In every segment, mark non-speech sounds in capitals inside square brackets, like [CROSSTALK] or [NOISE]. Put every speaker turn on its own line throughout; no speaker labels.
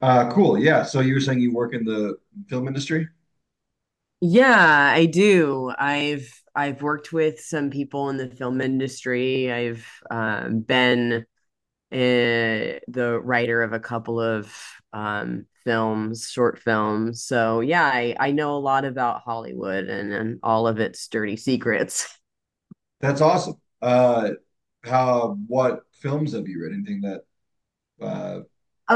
Cool. Yeah. So you were saying you work in the film industry?
Yeah, I do. I've worked with some people in the film industry. I've been the writer of a couple of films, short films. So yeah, I know a lot about Hollywood and all of its dirty secrets. [LAUGHS]
That's awesome. Uh, what films have you read? Anything that uh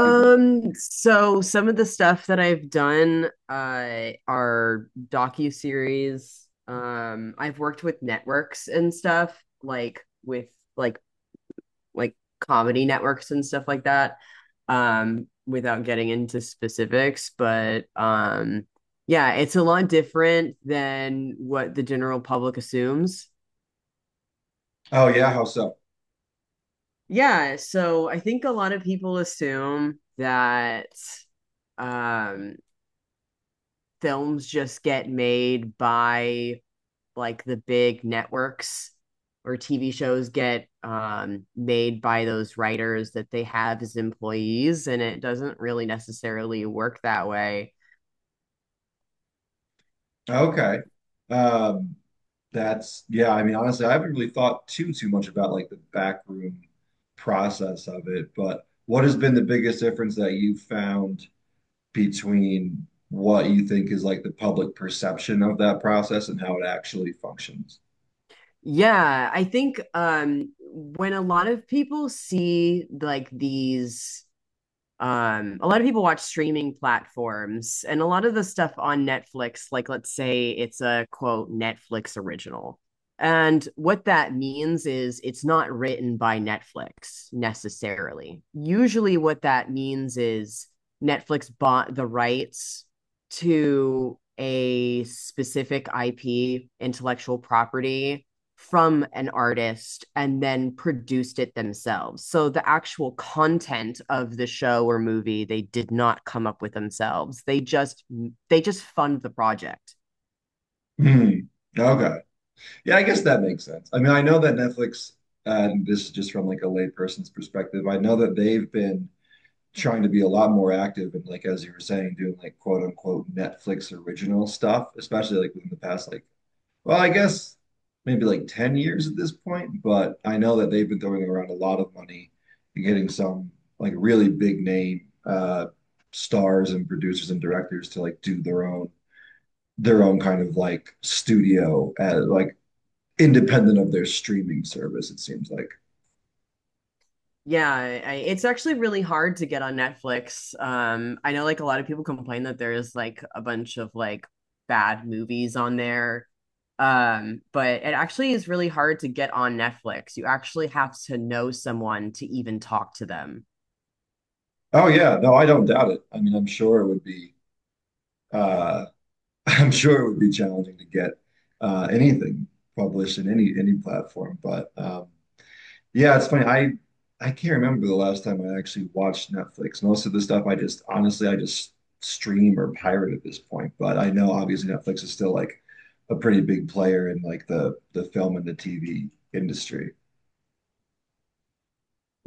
people?
so some of the stuff that I've done are docuseries. I've worked with networks and stuff like with like comedy networks and stuff like that without getting into specifics, but yeah, it's a lot different than what the general public assumes.
Oh yeah. How so?
Yeah so i think a lot of people assume that um films just get made by like the big networks, or TV shows get made by those writers that they have as employees, and it doesn't really necessarily work that way.
Okay. Um, that's yeah. I mean, honestly, I haven't really thought too much about like the backroom process of it. But what has been the biggest difference that you found between what you think is like the public perception of that process and how it actually functions?
Yeah, I think when a lot of people see like these a lot of people watch streaming platforms, and a lot of the stuff on Netflix, like let's say it's a quote Netflix original. And what that means is it's not written by Netflix necessarily. Usually, what that means is Netflix bought the rights to a specific IP, intellectual property, from an artist and then produced it themselves. So the actual content of the show or movie they did not come up with themselves. They just fund the project.
Hmm. Okay. Yeah, I guess that makes sense. I mean, I know that Netflix, and this is just from like a layperson's perspective, I know that they've been trying to be a lot more active and like as you were saying, doing like quote unquote Netflix original stuff, especially like within the past like well, I guess maybe like 10 years at this point, but I know that they've been throwing around a lot of money and getting some like really big name stars and producers and directors to like do their own kind of like studio at like independent of their streaming service, it seems like.
Yeah, it's actually really hard to get on Netflix. I know like a lot of people complain that there is like a bunch of like bad movies on there. But it actually is really hard to get on Netflix. You actually have to know someone to even talk to them.
Oh yeah, no, I don't doubt it. I mean, I'm sure it would be uh [LAUGHS] I'm sure it would be challenging to get anything published in any platform. But yeah, it's funny. I can't remember the last time I actually watched Netflix. Most of the stuff I just honestly I just stream or pirate at this point. But I know obviously Netflix is still like a pretty big player in like the film and the TV industry.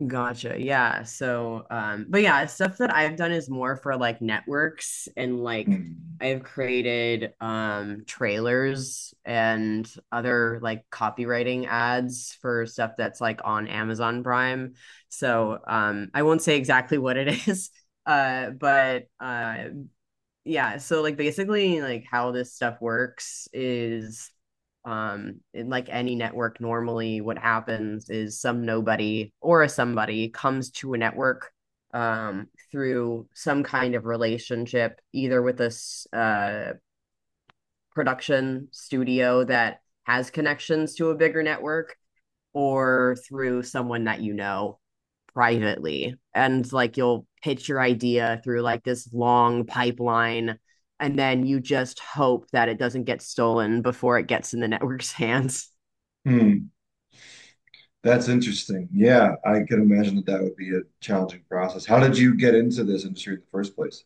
Gotcha. Yeah. So, but yeah, stuff that I've done is more for like networks and like
Mm.
I've created trailers and other like copywriting ads for stuff that's like on Amazon Prime. So, I won't say exactly what it is, [LAUGHS] but yeah, so like basically like how this stuff works is like any network, normally what happens is some nobody or a somebody comes to a network through some kind of relationship, either with this production studio that has connections to a bigger network, or through someone that you know privately, and like you'll pitch your idea through like this long pipeline, and then you just hope that it doesn't get stolen before it gets in the network's [LAUGHS] hands.
Mm. That's interesting. Yeah, I can imagine that that would be a challenging process. How did you get into this industry in the first place?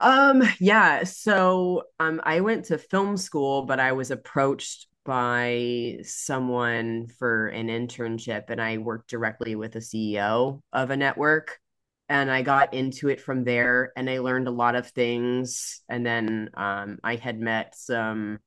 Yeah, so I went to film school, but I was approached by someone for an internship, and I worked directly with a CEO of a network, and I got into it from there and I learned a lot of things, and then I had met some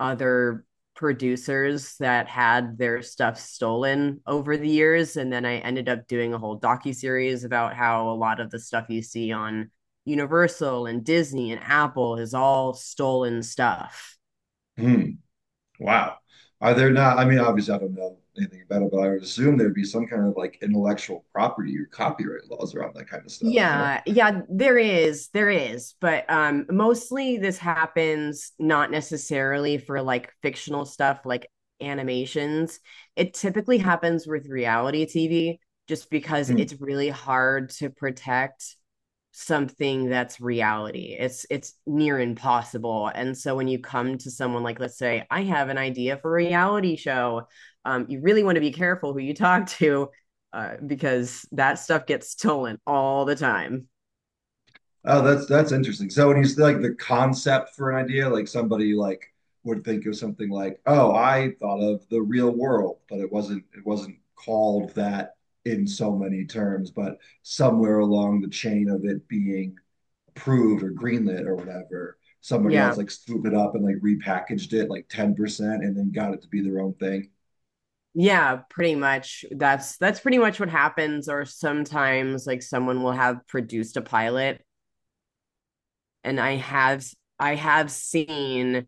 other producers that had their stuff stolen over the years, and then I ended up doing a whole docu-series about how a lot of the stuff you see on Universal and Disney and Apple is all stolen stuff.
Hmm. Wow. Are there not, I mean, obviously, I don't know anything about it, but I would assume there'd be some kind of like intellectual property or copyright laws around that kind of stuff. No?
Yeah, yeah, there is, but mostly this happens not necessarily for like fictional stuff like animations. It typically happens with reality TV, just because
Hmm.
it's really hard to protect something that's reality. It's near impossible. And so when you come to someone, like let's say I have an idea for a reality show, you really want to be careful who you talk to, because that stuff gets stolen all the time.
Oh, that's interesting. So when you say like the concept for an idea, like somebody like would think of something like, "Oh, I thought of the real world, but it wasn't called that in so many terms, but somewhere along the chain of it being approved or greenlit or whatever, somebody
Yeah.
else like swooped it up and like repackaged it like 10% and then got it to be their own thing."
Yeah, pretty much. That's pretty much what happens. Or sometimes like someone will have produced a pilot, and I have seen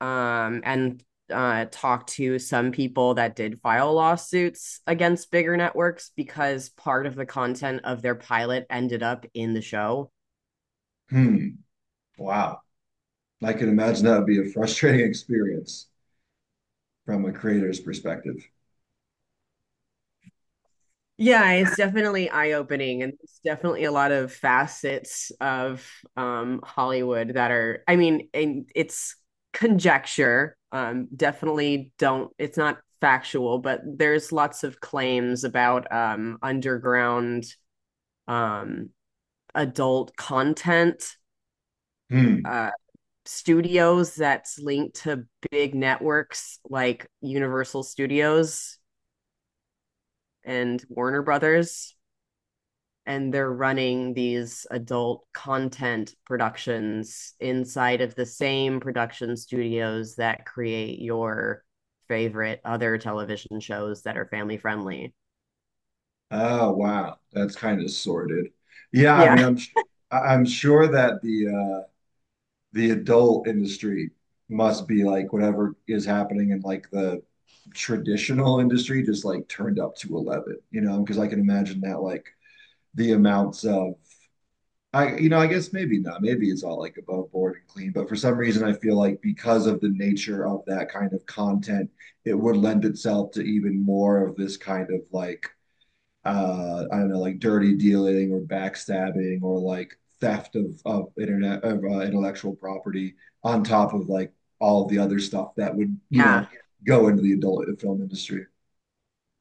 and talked to some people that did file lawsuits against bigger networks, because part of the content of their pilot ended up in the show.
Hmm. Wow. I can imagine that would be a frustrating [LAUGHS] experience from a creator's perspective.
Yeah, it's definitely eye-opening, and it's definitely a lot of facets of Hollywood that are, I mean, and it's conjecture. Definitely don't, it's not factual, but there's lots of claims about underground um, adult content
Hmm.
uh, studios that's linked to big networks like Universal Studios and Warner Brothers, and they're running these adult content productions inside of the same production studios that create your favorite other television shows that are family friendly.
Oh wow, that's kind of sorted. Yeah, I
Yeah.
mean, I- I'm sure that uh the adult industry must be like whatever is happening in like the traditional industry just like turned up to 11, you know, because I can imagine that like the amounts of I you know, I guess maybe not. Maybe it's all like above board and clean, but for some reason I feel like because of the nature of that kind of content, it would lend itself to even more of this kind of like I don't know, like dirty dealing or backstabbing or like theft of internet of intellectual property on top of like all the other stuff that would, you
Yeah.
know, go into the adult film industry.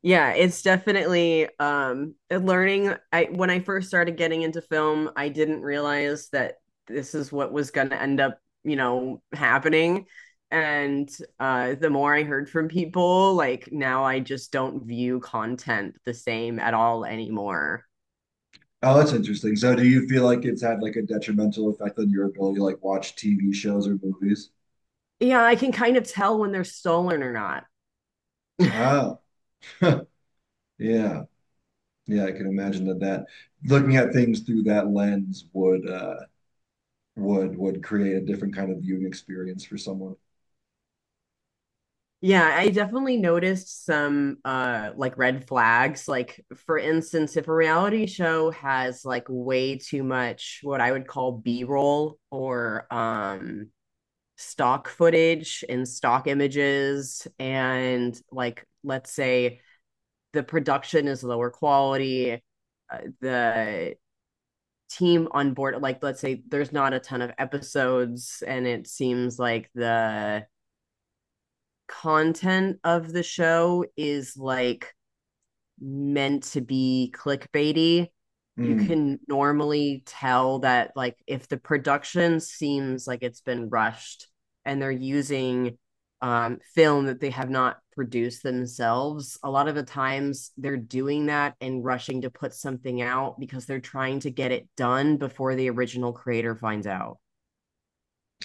Yeah, it's definitely learning. I when i first started getting into film, I didn't realize that this is what was going to end up, you know, happening. And uh the more I heard from people, like now I just don't view content the same at all anymore.
Oh, that's interesting. So do you feel like it's had like a detrimental effect on your ability to like watch TV shows or movies?
Yeah, I can kind of tell when they're stolen or not. [LAUGHS]
Oh, [LAUGHS] yeah. Yeah, I can imagine that that looking at things through that lens would would create a different kind of viewing experience for someone.
Yeah, I definitely noticed some like red flags. Like for instance, if a reality show has like way too much what I would call B-roll, or stock footage and stock images, and like let's say the production is lower quality, the team on board, like let's say there's not a ton of episodes, and it seems like the content of the show is like meant to be clickbaity, you
Hmm.
can normally tell that like if the production seems like it's been rushed and they're using film that they have not produced themselves, a lot of the times they're doing that and rushing to put something out because they're trying to get it done before the original creator finds out.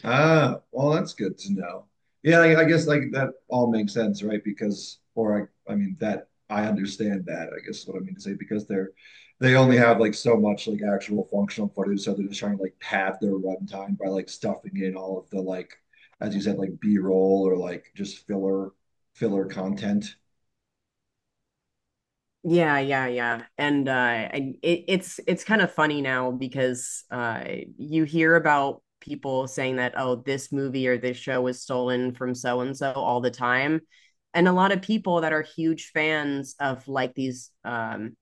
Ah, well, that's good to know. Yeah, I guess like that all makes sense, right? Because, or I mean that I understand that. I guess is what I mean to say because they're they only have like so much like actual functional footage, so they're just trying to like pad their runtime by like stuffing in all of the like, as you said, like B-roll or like just filler content.
Yeah, yeah, yeah. And it, it's kind of funny now, because you hear about people saying that, oh, this movie or this show was stolen from so and so all the time. And a lot of people that are huge fans of like these um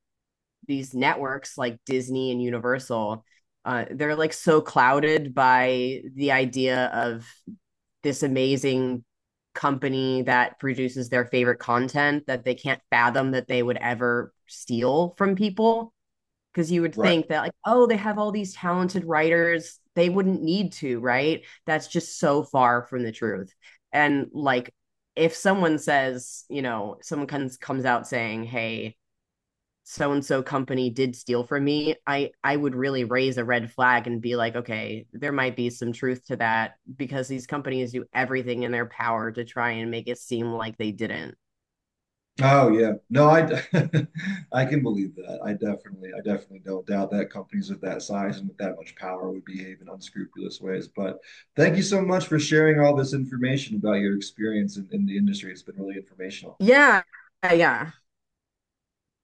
these networks like Disney and Universal, they're like so clouded by the idea of this amazing company that produces their favorite content that they can't fathom that they would ever steal from people, because you would
Right.
think that like, oh, they have all these talented writers, they wouldn't need to, right? That's just so far from the truth. And like if someone says, you know, someone comes out saying, hey, so and so company did steal from me, I would really raise a red flag and be like, okay, there might be some truth to that, because these companies do everything in their power to try and make it seem like they didn't.
Oh yeah. No, [LAUGHS] I can believe that. I definitely don't doubt that companies of that size and with that much power would behave in unscrupulous ways. But thank you so much for sharing all this information about your experience in the industry. It's been really informational.
Yeah. Yeah.